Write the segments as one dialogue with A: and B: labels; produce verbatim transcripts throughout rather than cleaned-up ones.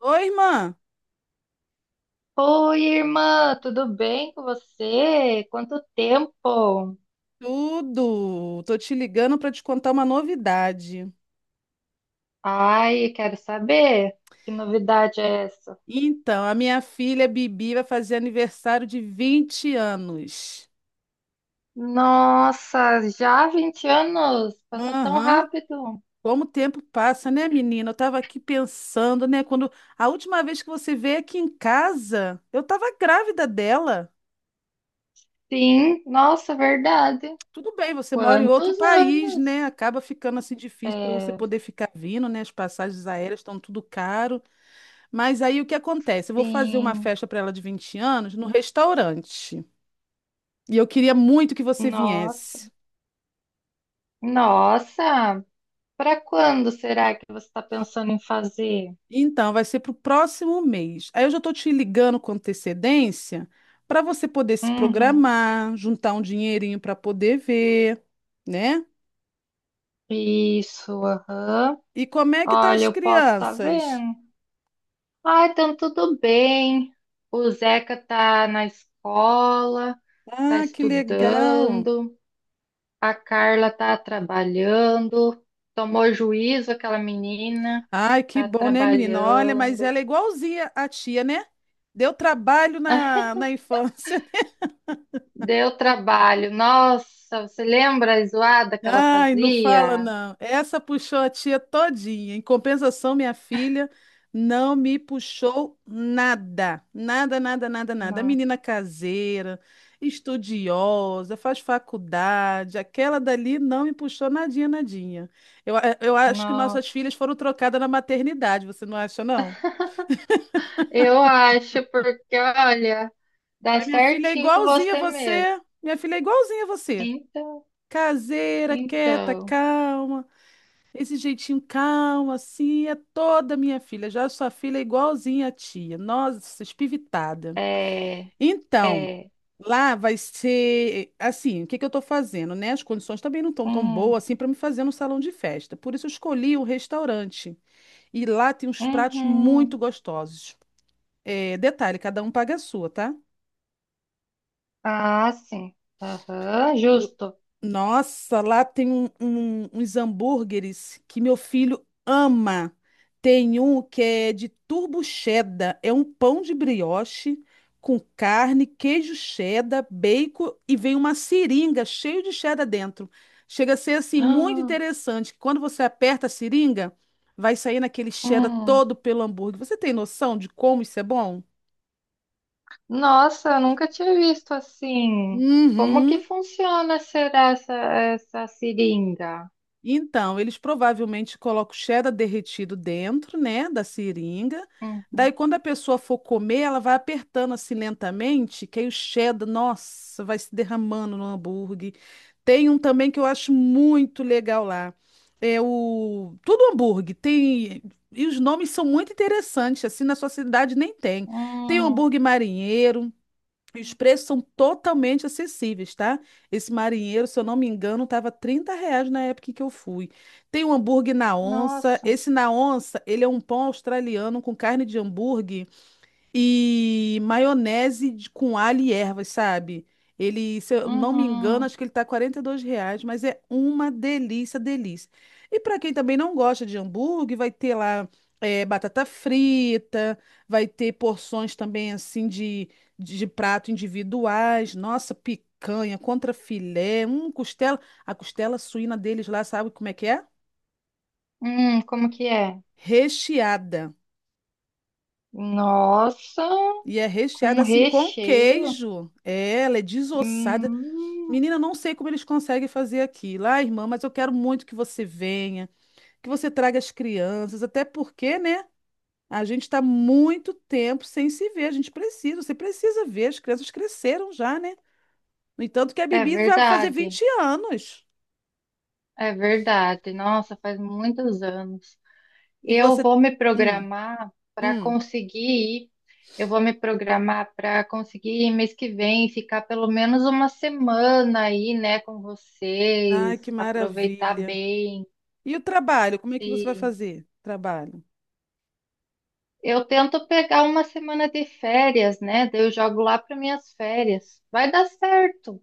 A: Oi, irmã.
B: Oi, irmã, tudo bem com você? Quanto tempo?
A: Tudo. Tô te ligando para te contar uma novidade.
B: Ai, quero saber que novidade é essa?
A: Então, a minha filha Bibi vai fazer aniversário de vinte anos.
B: Nossa, já vinte anos? Passa tão
A: Aham.
B: rápido.
A: Como o tempo passa, né, menina? Eu tava aqui pensando, né, quando a última vez que você veio aqui em casa, eu tava grávida dela.
B: Sim, nossa, verdade.
A: Tudo bem, você mora em outro
B: Quantos
A: país,
B: anos?
A: né? Acaba ficando assim difícil para você
B: É,
A: poder ficar vindo, né? As passagens aéreas estão tudo caro. Mas aí o que acontece? Eu vou fazer uma
B: sim,
A: festa para ela de vinte anos no restaurante. E eu queria muito que você
B: nossa.
A: viesse.
B: Nossa, para quando será que você está pensando em fazer?
A: Então, vai ser para o próximo mês. Aí eu já estou te ligando com antecedência para você poder se
B: Uhum.
A: programar, juntar um dinheirinho para poder ver, né?
B: Isso, aham.
A: E como é que tá
B: Olha,
A: as
B: eu posso estar
A: crianças?
B: vendo. Ah, então tudo bem. O Zeca tá na escola, tá
A: Ah, que legal.
B: estudando, a Carla tá trabalhando, tomou juízo aquela menina,
A: Ai, que
B: tá
A: bom, né, menina? Olha, mas
B: trabalhando.
A: ela é igualzinha à tia, né? Deu trabalho na, na infância.
B: Deu trabalho. Nossa, você lembra a zoada que ela
A: Ai, não fala
B: fazia?
A: não. Essa puxou a tia todinha. Em compensação, minha filha não me puxou nada. Nada, nada, nada, nada.
B: Não.
A: Menina caseira, estudiosa, faz faculdade. Aquela dali não me puxou nadinha, nadinha. Eu, a- eu acho que nossas
B: Nossa.
A: filhas foram trocadas na maternidade, você não acha, não?
B: Eu acho, porque olha, dá
A: E minha filha é
B: certinho com
A: igualzinha a
B: você mesmo.
A: você. Minha filha é igualzinha a você.
B: Então,
A: Caseira, quieta,
B: então,
A: calma. Esse jeitinho calmo, assim, é toda minha filha. Já sua filha é igualzinha à tia. Nossa, espivitada.
B: é,
A: Então,
B: é.
A: lá vai ser assim, o que que eu estou fazendo, né? As condições também não estão tão
B: Hum.
A: boas assim para me fazer no salão de festa. Por isso eu escolhi o restaurante. E lá tem uns pratos muito
B: Uhum.
A: gostosos. É, detalhe, cada um paga a sua, tá?
B: Ah, sim. Aham, justo.
A: Nossa, lá tem um- um- uns hambúrgueres que meu filho ama. Tem um que é de turbo cheddar, é um pão de brioche com carne, queijo cheddar, bacon e vem uma seringa cheio de cheddar dentro. Chega a ser assim muito
B: Ah,
A: interessante, que quando você aperta a seringa, vai sair naquele cheddar
B: hum.
A: todo pelo hambúrguer. Você tem noção de como isso é bom?
B: Nossa, eu nunca tinha visto assim. Como que
A: Uhum.
B: funciona será essa, essa seringa?
A: Então, eles provavelmente colocam cheddar derretido dentro, né, da seringa.
B: Uhum.
A: Daí, quando a pessoa for comer, ela vai apertando assim lentamente, que aí o cheddar, nossa, vai se derramando no hambúrguer. Tem um também que eu acho muito legal lá. É o... Tudo hambúrguer. Tem... E os nomes são muito interessantes, assim, na sua cidade nem tem. Tem o
B: Hum.
A: hambúrguer marinheiro, e os preços são totalmente acessíveis, tá? Esse marinheiro, se eu não me engano, estava trinta reais na época em que eu fui. Tem um hambúrguer na onça.
B: Nossa.
A: Esse na onça, ele é um pão australiano com carne de hambúrguer e maionese de- com alho e ervas, sabe? Ele, se eu não me engano,
B: Uhum.
A: acho que ele tá quarenta e dois reais, mas é uma delícia, delícia. E para quem também não gosta de hambúrguer, vai ter lá eh, batata frita, vai ter porções também assim de, de prato individuais, nossa, picanha, contrafilé, um costela. A costela suína deles lá, sabe como é que é?
B: Hum, como que é?
A: Recheada.
B: Nossa,
A: E é
B: com
A: recheada assim com
B: recheio.
A: queijo. É, ela é desossada.
B: Hum,
A: Menina, não sei como eles conseguem fazer aquilo. Ah, irmã, mas eu quero muito que você venha, que você traga as crianças, até porque, né? A gente está muito tempo sem se ver. A gente precisa, você precisa ver. As crianças cresceram já, né? No entanto, que a
B: é
A: Bibi vai fazer
B: verdade.
A: vinte anos.
B: É verdade. Nossa, faz muitos anos.
A: E
B: Eu
A: você.
B: vou me
A: Hum,
B: programar para
A: hum.
B: conseguir ir. Eu vou me programar para conseguir ir mês que vem, ficar pelo menos uma semana aí, né, com vocês,
A: Ai, que
B: aproveitar
A: maravilha.
B: bem.
A: E o trabalho? Como é que você vai
B: E
A: fazer? Trabalho.
B: eu tento pegar uma semana de férias, né? Daí eu jogo lá para minhas férias. Vai dar certo.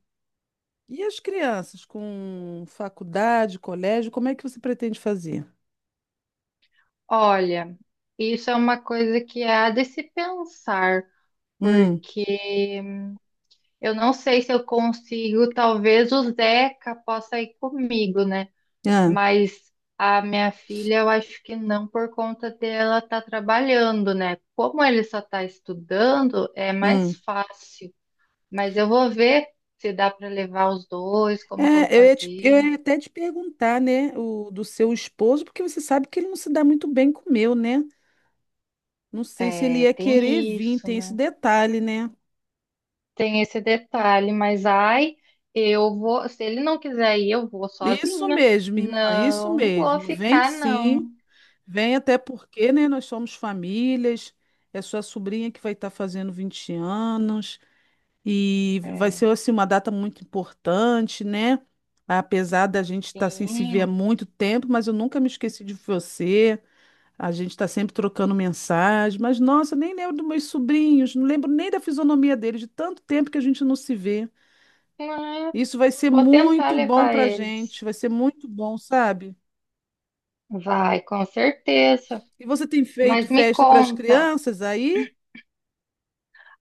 A: E as crianças com faculdade, colégio, como é que você pretende fazer?
B: Olha, isso é uma coisa que há de se pensar,
A: Hum,
B: porque eu não sei se eu consigo, talvez o Zeca possa ir comigo, né?
A: ah,
B: Mas a minha filha, eu acho que não por conta dela estar trabalhando, né? Como ele só está estudando, é mais
A: hum.
B: fácil. Mas eu vou ver se dá para levar os dois, como que eu vou
A: É, eu ia, te- eu
B: fazer.
A: ia até te perguntar, né, o, do seu esposo, porque você sabe que ele não se dá muito bem com o meu, né? Não sei se ele
B: É,
A: ia querer
B: tem
A: vir,
B: isso,
A: tem esse
B: né?
A: detalhe, né?
B: Tem esse detalhe, mas ai, eu vou, se ele não quiser ir, eu vou
A: Isso
B: sozinha.
A: mesmo, irmã, isso
B: Não vou
A: mesmo. Vem
B: ficar, não.
A: sim, vem até porque, né, nós somos famílias, é sua sobrinha que vai estar fazendo vinte anos e vai
B: É,
A: ser, assim, uma data muito importante, né? Apesar da gente estar sem se ver há
B: sim.
A: muito tempo, mas eu nunca me esqueci de você. A gente está sempre trocando mensagem, mas nossa, nem lembro dos meus sobrinhos, não lembro nem da fisionomia deles, de tanto tempo que a gente não se vê.
B: Ah,
A: Isso vai ser
B: vou tentar
A: muito bom
B: levar
A: para a
B: eles.
A: gente, vai ser muito bom, sabe?
B: Vai, com certeza.
A: E você tem feito
B: Mas me
A: festa para as
B: conta.
A: crianças aí?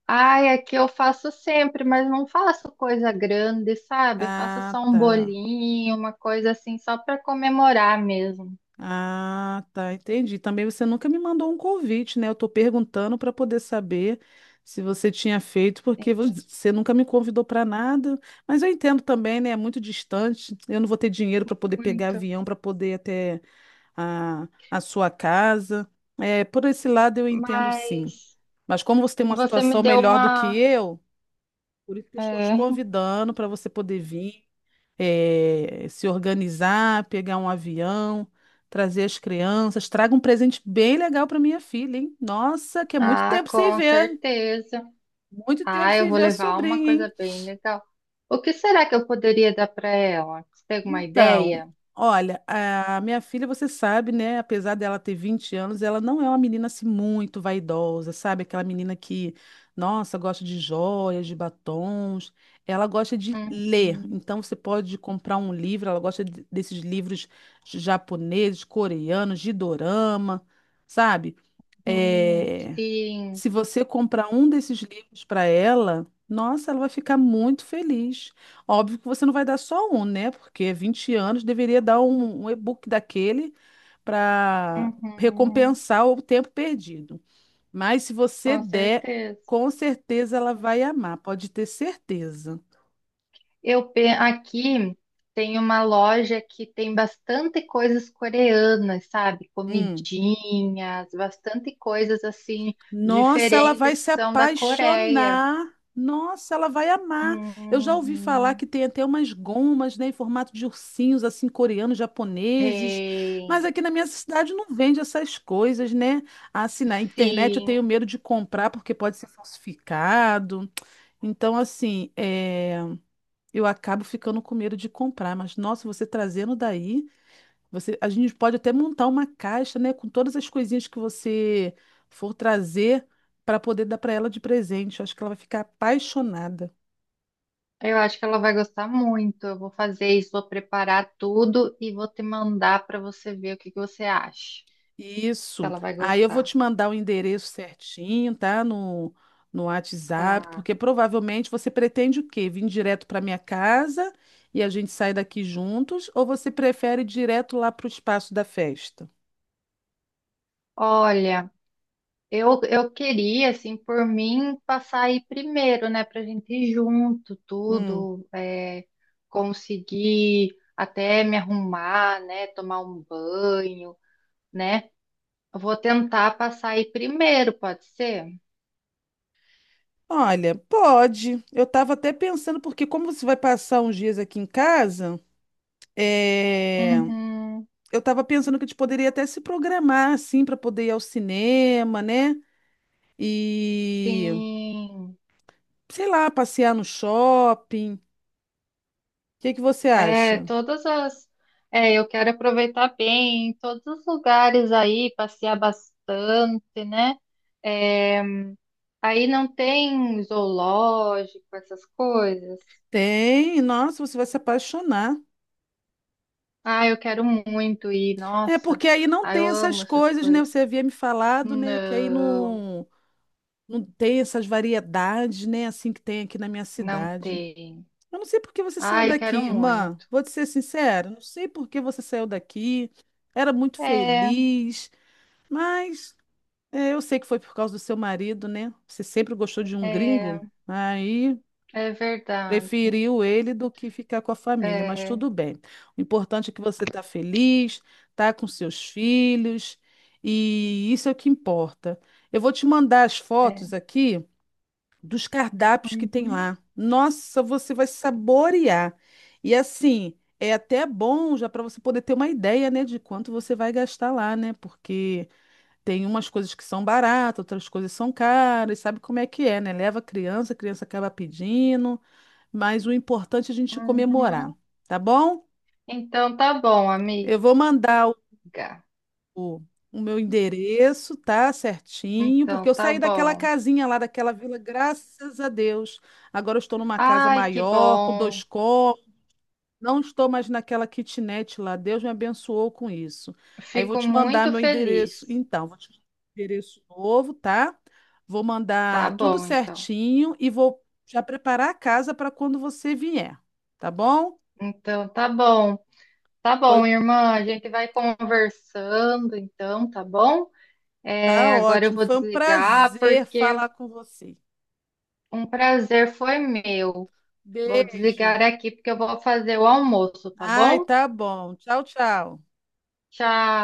B: Ai, aqui eu faço sempre, mas não faço coisa grande, sabe? Faço
A: Ah,
B: só um
A: tá.
B: bolinho, uma coisa assim, só para comemorar mesmo.
A: Ah, tá, entendi. Também você nunca me mandou um convite, né? Eu tô perguntando para poder saber se você tinha feito, porque vo- você nunca me convidou para nada. Mas eu entendo também, né? É muito distante. Eu não vou ter dinheiro para poder pegar
B: Muito.
A: avião, para poder ir até a, a sua casa. É, por esse lado eu entendo sim.
B: Mas
A: Mas como você tem uma
B: você
A: situação
B: me deu
A: melhor do que
B: uma.
A: eu, por isso que eu estou te
B: É.
A: convidando para você poder vir, eh, se organizar, pegar um avião, trazer as crianças. Traga um presente bem legal para minha filha, hein? Nossa, que é muito
B: Ah,
A: tempo sem
B: com
A: ver.
B: certeza.
A: Muito tempo
B: Ah, eu
A: sem
B: vou
A: ver a
B: levar uma
A: sobrinha, hein?
B: coisa bem legal. O que será que eu poderia dar para ela? Você tem alguma
A: Então,
B: ideia?
A: olha, a minha filha, você sabe, né? Apesar dela ter vinte anos, ela não é uma menina assim muito vaidosa, sabe? Aquela menina que, nossa, gosta de joias, de batons. Ela gosta de ler.
B: Uhum.
A: Então, você pode comprar um livro. Ela gosta de- desses livros japoneses, coreanos, de dorama, sabe?
B: Hum,
A: Eh,
B: sim.
A: se você comprar um desses livros para ela, nossa, ela vai ficar muito feliz. Óbvio que você não vai dar só um, né? Porque vinte anos deveria dar um, um e-book daquele para
B: Uhum,
A: recompensar o tempo perdido. Mas se você
B: com
A: der,
B: certeza.
A: com certeza ela vai amar, pode ter certeza.
B: Eu pe- aqui tem uma loja que tem bastante coisas coreanas, sabe?
A: Hum.
B: Comidinhas, bastante coisas assim
A: Nossa, ela vai
B: diferentes que
A: se
B: são da Coreia.
A: apaixonar. Nossa, ela vai amar. Eu já ouvi falar
B: Uhum.
A: que tem até umas gomas, né, em formato de ursinhos, assim, coreanos, japoneses. Mas
B: Tem,
A: aqui na minha cidade não vende essas coisas, né? Assim, na internet eu tenho
B: sim.
A: medo de comprar porque pode ser falsificado. Então, assim, é, eu acabo ficando com medo de comprar. Mas, nossa, você trazendo daí. Você, a gente pode até montar uma caixa, né, com todas as coisinhas que você for trazer para poder dar para ela de presente. Eu acho que ela vai ficar apaixonada.
B: Eu acho que ela vai gostar muito. Eu vou fazer isso, vou preparar tudo e vou te mandar para você ver o que que você acha. Se
A: Isso.
B: ela vai
A: Aí eu vou
B: gostar.
A: te mandar o endereço certinho, tá? No, no WhatsApp,
B: Tá.
A: porque provavelmente você pretende o quê? Vir direto para minha casa e a gente sai daqui juntos, ou você prefere ir direto lá para o espaço da festa?
B: Olha, eu, eu queria, assim, por mim, passar aí primeiro, né, pra gente ir junto,
A: Hum.
B: tudo, é, conseguir até me arrumar, né, tomar um banho, né? Eu vou tentar passar aí primeiro, pode ser?
A: Olha, pode. Eu estava até pensando, porque como você vai passar uns dias aqui em casa. É,
B: Uhum,
A: eu estava pensando que a gente poderia até se programar assim para poder ir ao cinema, né? E
B: sim.
A: sei lá, passear no shopping. O que que você
B: É,
A: acha?
B: todas as. É, eu quero aproveitar bem todos os lugares aí, passear bastante, né? É, aí não tem zoológico, essas coisas.
A: Tem, nossa, você vai se apaixonar.
B: Ah, eu quero muito ir,
A: É
B: nossa.
A: porque aí não
B: Ah, eu
A: tem essas
B: amo essas
A: coisas, né? Você
B: coisas.
A: havia me falado, né? Que aí
B: Não,
A: não, não tem essas variedades, né? Assim que tem aqui na minha
B: não
A: cidade.
B: tem.
A: Eu não sei por que você saiu
B: Ah, eu
A: daqui,
B: quero
A: irmã.
B: muito.
A: Vou te ser sincera, não sei por que você saiu daqui. Era muito
B: É,
A: feliz. Mas é, eu sei que foi por causa do seu marido, né? Você sempre gostou de um
B: é,
A: gringo, aí
B: é verdade.
A: preferiu ele do que ficar com a família, mas
B: É,
A: tudo bem. O importante é que você está feliz, está com seus filhos, e isso é o que importa. Eu vou te mandar as fotos
B: é.
A: aqui dos cardápios que tem
B: Uhum,
A: lá. Nossa, você vai saborear. E assim, é até bom já para você poder ter uma ideia, né, de quanto você vai gastar lá, né? Porque. Tem umas coisas que são baratas, outras coisas são caras, sabe como é que é, né? Leva a criança, a criança acaba pedindo, mas o importante é a gente comemorar,
B: uhum.
A: tá bom?
B: Então tá bom, amiga.
A: Eu vou mandar o, o o meu endereço, tá? Certinho, porque
B: Então
A: eu
B: tá
A: saí daquela
B: bom.
A: casinha lá, daquela vila, graças a Deus. Agora eu estou numa casa
B: Ai, que
A: maior, com dois
B: bom.
A: cômodos. Não estou mais naquela kitnet lá. Deus me abençoou com isso. Aí eu vou
B: Fico
A: te mandar
B: muito
A: meu endereço.
B: feliz.
A: Então, vou te mandar meu endereço novo, tá? Vou
B: Tá
A: mandar tudo
B: bom, então.
A: certinho e vou já preparar a casa para quando você vier, tá bom?
B: Então tá bom. Tá
A: Foi,
B: bom, irmã, a gente vai conversando então, tá bom? É,
A: tá
B: agora eu
A: ótimo.
B: vou
A: Foi um
B: desligar
A: prazer
B: porque
A: falar com você.
B: um prazer foi meu. Vou
A: Beijo.
B: desligar aqui porque eu vou fazer o almoço, tá
A: Ai,
B: bom?
A: tá bom. Tchau, tchau.
B: Tchau.